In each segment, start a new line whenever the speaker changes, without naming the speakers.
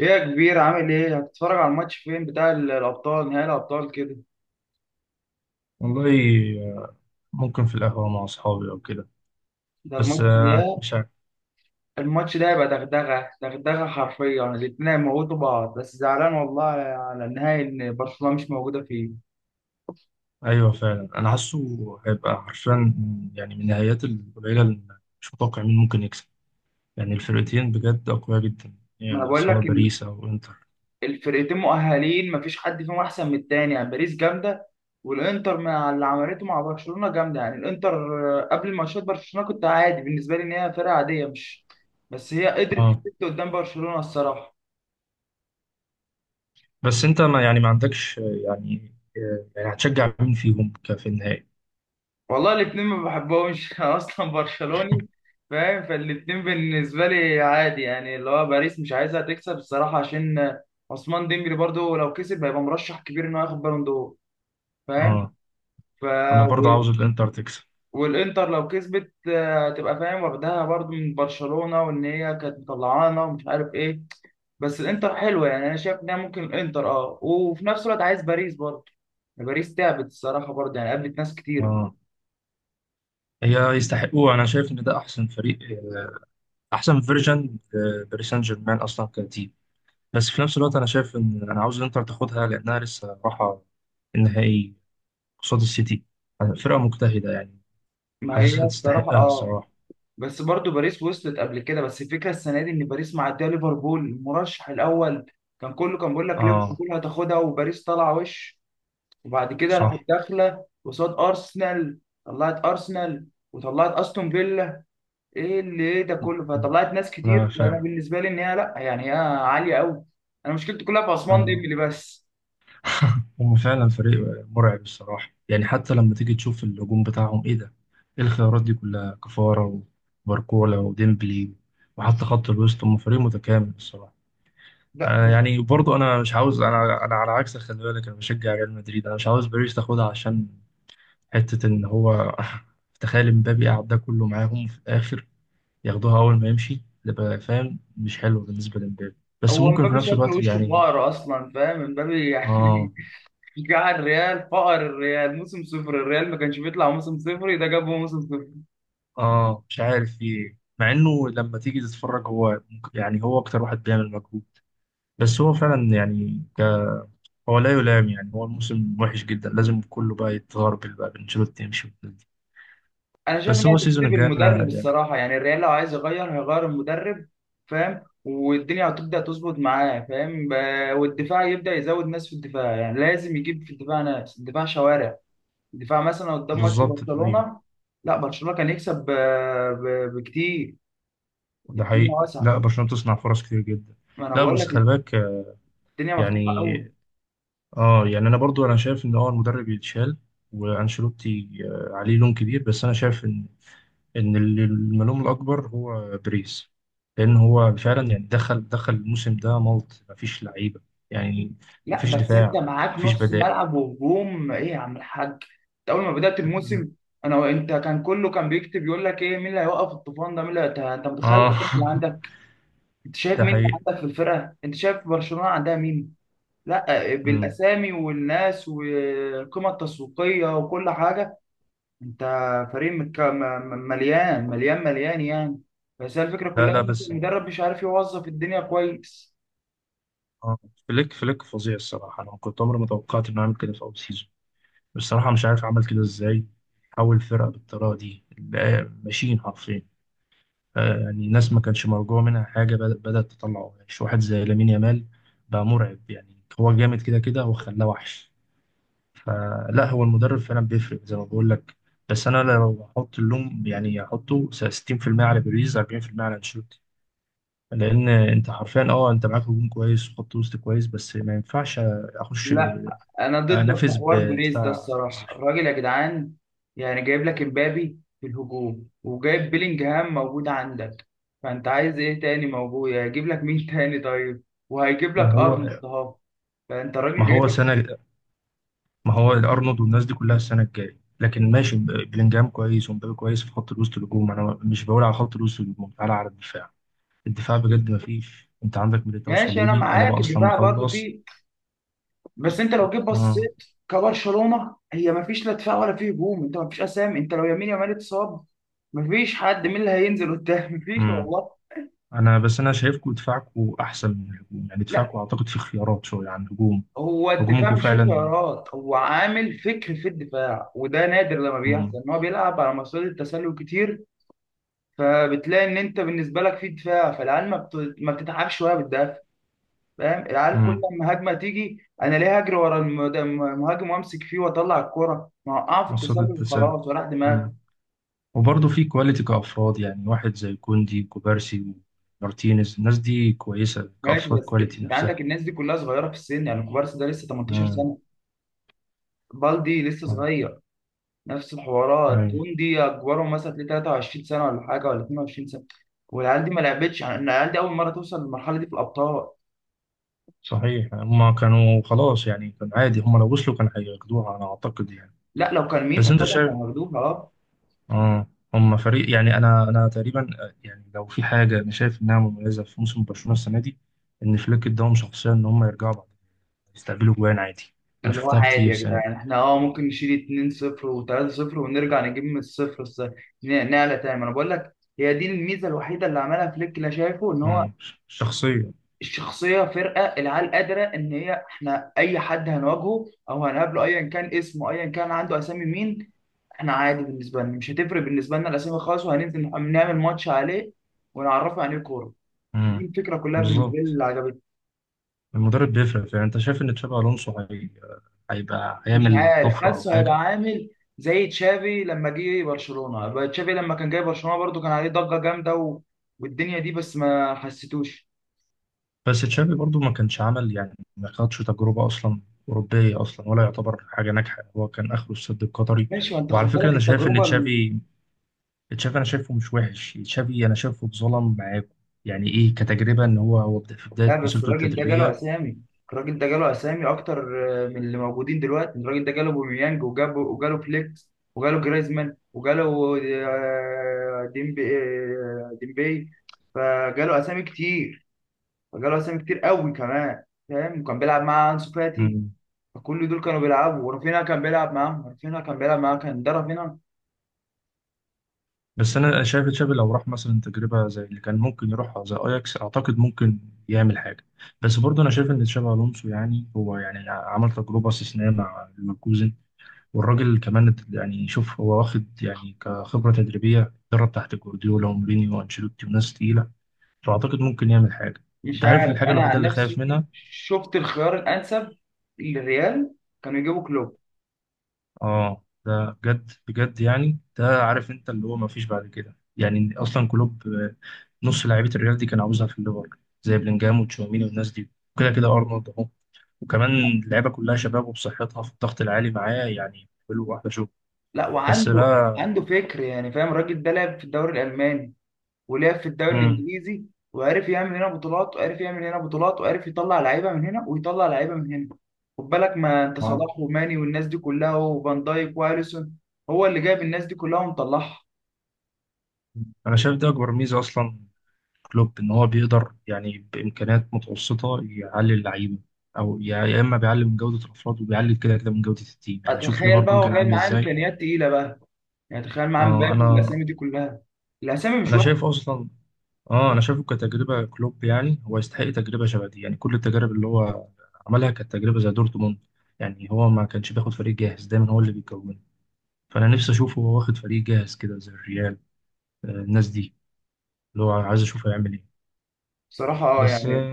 ايه يا كبير، عامل ايه؟ هتتفرج على الماتش فين، بتاع الابطال، نهائي الابطال كده؟
والله، آه، ممكن في القهوة مع أصحابي أو كده.
ده.
بس
الماتش ده
مش عارف.
الماتش ده يبقى دغدغه دغدغه حرفيا، الاتنين هيموتوا بعض، بس زعلان والله على النهائي ان برشلونه مش موجوده فيه.
أيوة فعلا، أنا حاسه هيبقى حرفيا. يعني من النهايات القليلة اللي مش متوقع مين ممكن يكسب. يعني الفرقتين بجد أقوياء جدا،
ما انا
يعني
بقول
سواء
لك ان
باريس أو إنتر.
الفرقتين مؤهلين، مفيش حد فيهم احسن من التاني، يعني باريس جامده، والانتر مع اللي عملته مع برشلونه جامده يعني. الانتر قبل ماتشات برشلونه كنت عادي بالنسبه لي، ان هي فرقه عاديه مش، بس هي قدرت
أه،
تفت قدام برشلونه الصراحه.
بس أنت ما يعني ما عندكش، يعني هتشجع مين فيهم في النهائي؟
والله الاتنين ما بحبهمش انا اصلا برشلوني فاهم، فالاتنين بالنسبه لي عادي، يعني اللي هو باريس مش عايزها تكسب الصراحه عشان عثمان ديمبلي، برضو لو كسب هيبقى مرشح كبير انه ياخد بالون دور، فاهم؟
أه،
ف
أنا برضه
و-
عاوز الإنتر تكسب.
والانتر لو كسبت تبقى فاهم واخدها برضو من برشلونه، وان هي كانت مطلعانا ومش عارف ايه. بس الانتر حلوه، يعني انا شايف انها ممكن الانتر اه، وفي نفس الوقت عايز باريس برضو. باريس تعبت الصراحه برضو، يعني قابلت ناس كتير.
أه، هي يستحقوه. أنا شايف إن ده أحسن فريق، أحسن فيرجن. باريس سان جيرمان أصلا كتير. بس في نفس الوقت انا شايف ان انا عاوز الانتر تاخدها لانها لسه رايحه النهائي قصاد السيتي. فرقه مجتهده يعني.
ما هي
حاسسها
الصراحه
تستحقها
اه،
الصراحه.
بس برضو باريس وصلت قبل كده. بس الفكره السنه دي ان باريس معديه ليفربول المرشح الاول، كان كله كان بيقول لك
اه.
ليفربول هتاخدها، وباريس طالعه وش، وبعد كده راحت
صح.
داخله قصاد ارسنال، طلعت ارسنال، وطلعت استون فيلا، ايه اللي ايه ده كله؟ فطلعت ناس
لا
كتير. انا
فعلا.
بالنسبه لي ان هي لا، يعني هي عاليه قوي. انا مشكلتي كلها في عثمان
اه.
ديمبلي بس.
هم فعلا فريق مرعب الصراحه. يعني حتى لما تيجي تشوف الهجوم بتاعهم، ايه ده؟ ايه الخيارات دي كلها؟ كفاره وباركولا وديمبلي، وحتى خط الوسط، هم فريق متكامل الصراحه.
لا،
آه يعني برضو انا مش عاوز. انا على عكسك، خلي بالك انا بشجع ريال مدريد. انا مش عاوز باريس تاخدها عشان حتة إن هو تخيل إمبابي قعد ده كله معاهم في الآخر ياخدوها أول ما يمشي. ده بقى فاهم مش حلو بالنسبة لإمبابي. بس
هو
ممكن في
مبابي
نفس
شكله
الوقت
وشه
يعني.
فقر اصلا فاهم، مبابي
آه.
يعني جاع الريال، فقر الريال، موسم صفر الريال، ما كانش بيطلع موسم صفر، ده جابه موسم صفر.
آه، مش عارف في إيه، مع إنه لما تيجي تتفرج هو يعني هو أكتر واحد بيعمل مجهود. بس هو فعلا يعني هو لا يلام. يعني هو الموسم وحش جدا، لازم كله بقى يتغربل بقى، بانشيلوتي يمشي والناس دي.
انا شايف
بس
انها
هو
تبتدي
السيزون الجاي
بالمدرب
أنا يعني.
الصراحه، يعني الريال لو عايز يغير هيغير المدرب، فاهم؟ والدنيا هتبدا تظبط معاه، فاهم، والدفاع يبدا يزود ناس في الدفاع، يعني لازم يجيب في الدفاع ناس، الدفاع شوارع. الدفاع مثلا قدام ماتش
بالظبط أيوه،
برشلونه، لا برشلونه كان يكسب بكتير.
ده
الدنيا
حقيقي.
واسعه،
لا، برشلونة تصنع فرص كتير جدا.
ما انا
لا
بقول
بس
لك،
خلي بالك
الدنيا مفتوحه
يعني.
قوي.
اه، يعني انا برضو انا شايف ان هو المدرب يتشال. وانشيلوتي عليه لون كبير، بس انا شايف ان اللي الملوم الاكبر هو بريس. لان هو فعلا يعني دخل الموسم ده ملط، مفيش لعيبه يعني.
لا
مفيش
بس انت
دفاع،
معاك
مفيش
نص
بدائل.
ملعب وهجوم، ايه يا عم الحاج؟ انت اول ما بدات
مم.
الموسم انا وانت كان كله كان بيكتب يقول لك ايه، مين اللي هيوقف الطوفان ده، مين انت متخيل
اه.
الاسامي اللي عندك، انت شايف
ده
مين اللي
حقيقي.
عندك في الفرقه، انت شايف برشلونه عندها مين؟ لا
مم.
بالاسامي والناس والقيمه التسويقيه وكل حاجه. انت فريق مليان مليان مليان يعني، بس هي الفكره
لا
كلها
لا
ان
بس.
المدرب مش عارف يوظف الدنيا كويس.
اه. فليك فظيع الصراحه. انا كنت عمري ما توقعت انه يعمل كده في اول سيزون. بصراحه مش عارف عمل كده ازاي، حول الفرقه بالطريقه دي بقى ماشيين حرفيا. يعني ناس ما كانش مرجوع منها حاجة بدأت تطلع. وحش واحد زي لامين يامال بقى مرعب يعني، هو جامد كده كده، هو خلاه وحش. فلا، هو المدرب فعلا بيفرق زي ما بقول لك. بس أنا لو أحط اللوم يعني أحطه 60% على بيريز 40% على أنشيلوتي. لأن أنت حرفيا، أه أنت معاك هجوم كويس وخط وسط كويس بس ما ينفعش أخش
لا انا ضدك في
أنافس
حوار بريز ده
بدفاع
الصراحه،
صفر.
الراجل يا جدعان يعني جايب لك امبابي في الهجوم، وجايب بيلينجهام موجود عندك، فانت عايز ايه تاني موجود؟ يعني هيجيب لك مين تاني؟ طيب وهيجيب
ما
لك
هو
ارنولد اهو، فانت الراجل
ما
جايب
هو
لك.
سنة. ما هو الارنولد والناس دي كلها السنه الجايه، لكن ماشي، بلينجهام كويس ومبابي كويس في خط الوسط. الهجوم انا مش بقول على خط الوسط، الهجوم تعالى على الدفاع. الدفاع بجد ما فيش، انت عندك ميليتاو
ماشي انا
وصليبي، انا بقى
معاك
اصلا
الدفاع برضو
مخلص.
فيه، بس انت لو جيت
اه.
بصيت كبرشلونه هي ما فيش لا دفاع ولا فيه هجوم، انت ما فيش اسامي، انت لو يمين يامال اتصاب ما فيش حد، مين اللي هينزل قدام ما فيش
امم.
والله.
انا بس انا شايفكم دفاعكم احسن من الهجوم، يعني دفاعكم اعتقد فيه خيارات شويه عن الهجوم.
هو الدفاع
هجومكم
مش فيه
فعلا.
قرارات، هو عامل فكر في الدفاع، وده نادر لما بيحصل
امم.
ان هو بيلعب على مصيدة التسلل كتير، فبتلاقي ان انت بالنسبه لك في دفاع، فالعيال ما بت... ما بتتعبش وهي بتدافع، فاهم؟ العيال كل
امم.
ما هجمه تيجي انا ليه هجري ورا المهاجم وامسك فيه؟ واطلع الكرة، ما اوقعه في
قصة
التسلل
التسلل.
وخلاص، وراح دماغي.
امم. وبرضه في كواليتي كافراد، يعني واحد زي كوندي وكوبارسي ومارتينيز، الناس دي كويسه
ماشي
كافراد،
بس
كواليتي
انت
نفسها.
عندك الناس دي كلها صغيره في السن، يعني كوبارسي ده لسه 18
مم.
سنه، بالدي لسه
مم.
صغير، نفس الحوارات.
أي.
تون دي اكبرهم مثلا تلاقيه 23 سنه ولا حاجه، ولا 22 سنه. والعيال دي ما لعبتش، يعني إن العيال دي اول مره توصل للمرحله دي في الابطال.
صحيح، هم كانوا خلاص يعني كان عادي، هم لو وصلوا كانوا هياخدوها أنا أعتقد يعني.
لا لو كان مين
بس أنت
قصادهم
شايف.
كانوا هياخدوها، اه.
آه، هم فريق يعني، أنا تقريبا، يعني لو في حاجة أنا شايف إنها مميزة في موسم برشلونة السنة دي، إن فليك إداهم شخصية إن هم يرجعوا بعد يستقبلوا جوان عادي. أنا
اللي هو
شفتها
عادي
كتير
يا
السنة دي.
جدعان، احنا اه ممكن نشيل 2-0 و3-0 ونرجع نجيب من الصفر، نعلى تاني، ما انا بقول لك، هي دي الميزه الوحيده اللي عملها فليك اللي شايفه، ان هو
مم. شخصية.
الشخصية، فرقة العيال قادرة إن هي، إحنا أي حد هنواجهه أو هنقابله أيا كان اسمه، أيا كان عنده أسامي مين، إحنا عادي بالنسبة لنا، مش هتفرق بالنسبة لنا الأسامي خالص، وهننزل نعمل ماتش عليه ونعرفه يعني إيه كورة. دي
مم.
الفكرة كلها بالنسبة لي
بالظبط.
اللي عجبتني.
المدرب بيفرق، يعني أنت شايف إن تشابي ألونسو هيبقى
مش
هيعمل
عارف،
طفرة أو
حاسه هيبقى
حاجة؟
عامل زي تشافي لما جه برشلونة. بقى تشافي لما كان جاي برشلونة برضو كان عليه ضجة جامدة و... والدنيا دي، بس ما حسيتوش.
بس تشافي برضو ما كانش عمل يعني ما خدش تجربة أصلا أوروبية أصلا، ولا يعتبر حاجة ناجحة، هو كان آخره السد القطري.
ماشي، ما انت خد
وعلى فكرة
بالك
أنا شايف إن
التجربة.
تشافي، تشافي أنا شايفه مش وحش، تشافي أنا شايفه اتظلم معاكم. يعني إيه كتجربة، إن هو في
لا
بداية
بس
مسيرته
الراجل ده جاله
التدريبية.
اسامي، الراجل ده جاله اسامي اكتر من اللي موجودين دلوقتي، الراجل ده جاله بوميانج وجابه، وجاله فليكس، وجاله جريزمان، وجاله ديمبي، فجاله اسامي كتير، فجاله اسامي كتير قوي كمان، فاهم؟ وكان بيلعب مع انسو فاتي،
مم.
فكل دول كانوا بيلعبوا، ورافينها كان بيلعب معاهم، رافينها كان بيلعب معاه، كان ده رافينها.
بس أنا شايف تشافي لو راح مثلا تجربة زي اللي كان ممكن يروحها زي أياكس، أعتقد ممكن يعمل حاجة. بس برضو أنا شايف إن تشافي ألونسو يعني هو يعني عمل تجربة استثنائية مع ليفركوزن. والراجل كمان يعني، شوف هو واخد يعني كخبرة تدريبية درب تحت جوارديولا ومورينيو وانشيلوتي وناس تقيلة. فأعتقد ممكن يعمل حاجة.
مش
أنت عارف
عارف
الحاجة
انا
الوحيدة
عن
اللي خايف
نفسي،
منها؟
شفت الخيار الانسب للريال كانوا يجيبوا كلوب.
آه ده بجد بجد يعني، ده عارف أنت اللي هو مفيش بعد كده. يعني إن أصلا كلوب، نص لعيبة الريال دي كان عاوزها في الليفر، زي بلينجهام وتشاوميني والناس دي، وكده كده أرنولد أهو، وكمان اللعيبة كلها شباب وبصحتها في الضغط العالي معاه يعني بيعملوا واحدة شغل.
لا
بس
وعنده،
بقى.
عنده فكر يعني، فاهم؟ الراجل ده لعب في الدوري الالماني ولعب في الدوري
مم.
الانجليزي، وعرف يعمل هنا بطولات وعرف يعمل هنا بطولات، وعرف يطلع لعيبه من هنا ويطلع لعيبه من هنا. خد بالك، ما انت
آه.
صلاح وماني والناس دي كلها، وفان دايك واليسون، هو اللي جايب الناس دي كلها ومطلعها.
أنا شايف ده أكبر ميزة أصلا كلوب، ان هو بيقدر يعني بامكانيات متوسطه يعلي اللعيبه، او يا اما بيعلي من جوده الافراد وبيعلي كده كده من جوده التيم. يعني شوف
تخيل بقى
ليفربول
هو
كان
جاي
عامل
معاه
ازاي.
امكانيات تقيله بقى، يعني تخيل معاه
اه
مبابي
انا،
والاسامي دي كلها، الاسامي مش
انا
وحشه.
شايف اصلا اه انا شايفه كتجربه كلوب، يعني هو يستحق تجربه شبه دي. يعني كل التجارب اللي هو عملها كانت تجربه زي دورتموند. يعني هو ما كانش بياخد فريق جاهز، دايما هو اللي بيكونه. فانا نفسي اشوفه هو واخد فريق جاهز كده زي الريال، الناس دي، اللي هو عايز اشوفه يعمل ايه.
بصراحه اه
بس.
يعني،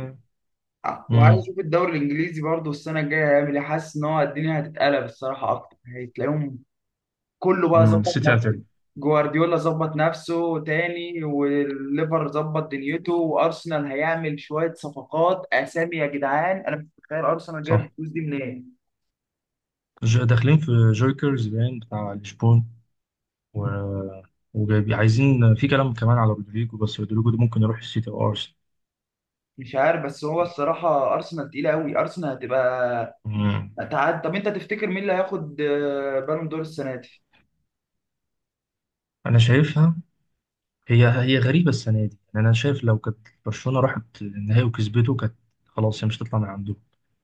وعايز
امم.
اشوف الدوري الانجليزي برضه السنه الجايه هيعمل ايه، حاسس ان هو الدنيا هتتقلب الصراحه اكتر، هتلاقيهم كله بقى ظبط
السيتي
نفسه،
هتعمل.
جوارديولا ظبط نفسه تاني، والليفر ظبط دنيته، وارسنال هيعمل شويه صفقات اسامي يا جدعان، انا مش متخيل ارسنال جايب
صح.
الفلوس دي منين.
داخلين في جوكرز باين بتاع لشبون، و... وجايب عايزين في كلام كمان على رودريجو، بس رودريجو ده ممكن يروح السيتي او ارسنال.
مش عارف، بس هو الصراحه ارسنال تقيله قوي، ارسنال هتبقى،
مم.
هتعد. طب انت تفتكر مين اللي هياخد بالون دور السنه دي؟
انا شايفها، هي غريبه السنه دي. يعني انا شايف لو كانت برشلونه راحت النهائي وكسبته، كانت خلاص هي مش هتطلع من عندهم.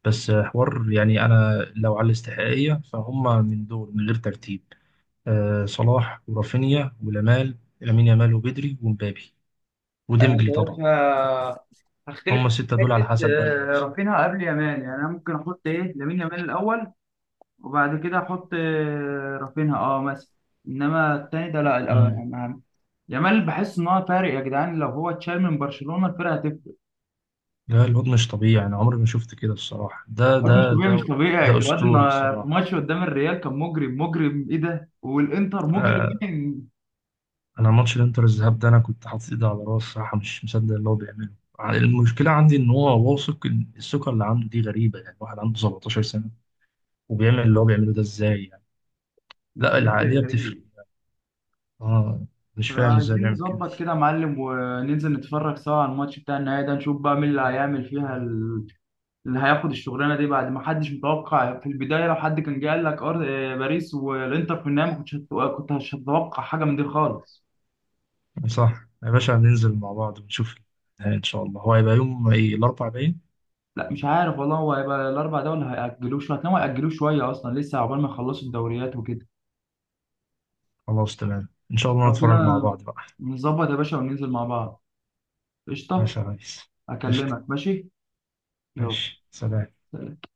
بس حوار يعني، انا لو على الاستحقاقيه، فهم من دول من غير ترتيب، آه، صلاح ورافينيا ولامال لامين يامال وبدري ومبابي
انا
وديمبلي طبعا.
شايفها هختلف
هم
معاك
السته
في
دول على
حته،
حسب بقى اللي هيحصل.
رافينها قبل يامال، يعني انا ممكن احط ايه لامين يامال الاول، وبعد كده احط رافينها اه مثلا، انما التاني ده لا، الأول اهم. يامال بحس ان هو فارق يا جدعان، لو هو اتشال من برشلونة الفرقة هتفرق.
لا الواد مش طبيعي، انا عمري ما شفت كده الصراحه، ده
الواد مش
ده
طبيعي، مش
ده
طبيعي
ده
الواد،
اسطوري
في
صراحه.
ماتش قدام الريال كان مجرم، مجرم ايه ده، والانتر مجرم.
آه.
إيه؟
انا ماتش الانتر الذهاب ده انا كنت حاطط ايدي على راسي صراحه، مش مصدق اللي هو بيعمله. المشكله عندي ان هو واثق، إن الثقه اللي عنده دي غريبه. يعني واحد عنده 17 سنه وبيعمل اللي هو بيعمله ده، ازاي يعني؟ لا،
بجد
العقليه بتفرق.
غريب.
اه، مش فاهم ازاي
فعايزين
بيعمل كده.
نظبط كده يا معلم وننزل نتفرج سوا على الماتش بتاع النهائي ده، نشوف بقى مين اللي هيعمل فيها، اللي هياخد الشغلانه دي، بعد ما حدش متوقع في البدايه. لو حد كان جه قال لك باريس والانتر في النهائي ما كنت مش هتتوقع حاجه من دي خالص.
صح يا باشا، هننزل مع بعض ونشوف النهاية ان شاء الله. هو هيبقى يوم ايه، الاربعاء باين؟
لا مش عارف والله، هو هيبقى الاربع دول، هيأجلوه شويه، هتلاقيهم هيأجلوه شويه، اصلا لسه عقبال ما يخلصوا الدوريات وكده.
خلاص تمام، ان شاء الله
لو كده
نتفرج مع بعض بقى.
نظبط يا باشا وننزل مع بعض. قشطه.
ماشي يا ريس. قشطه.
اكلمك. ماشي. يلا.
ماشي، سلام.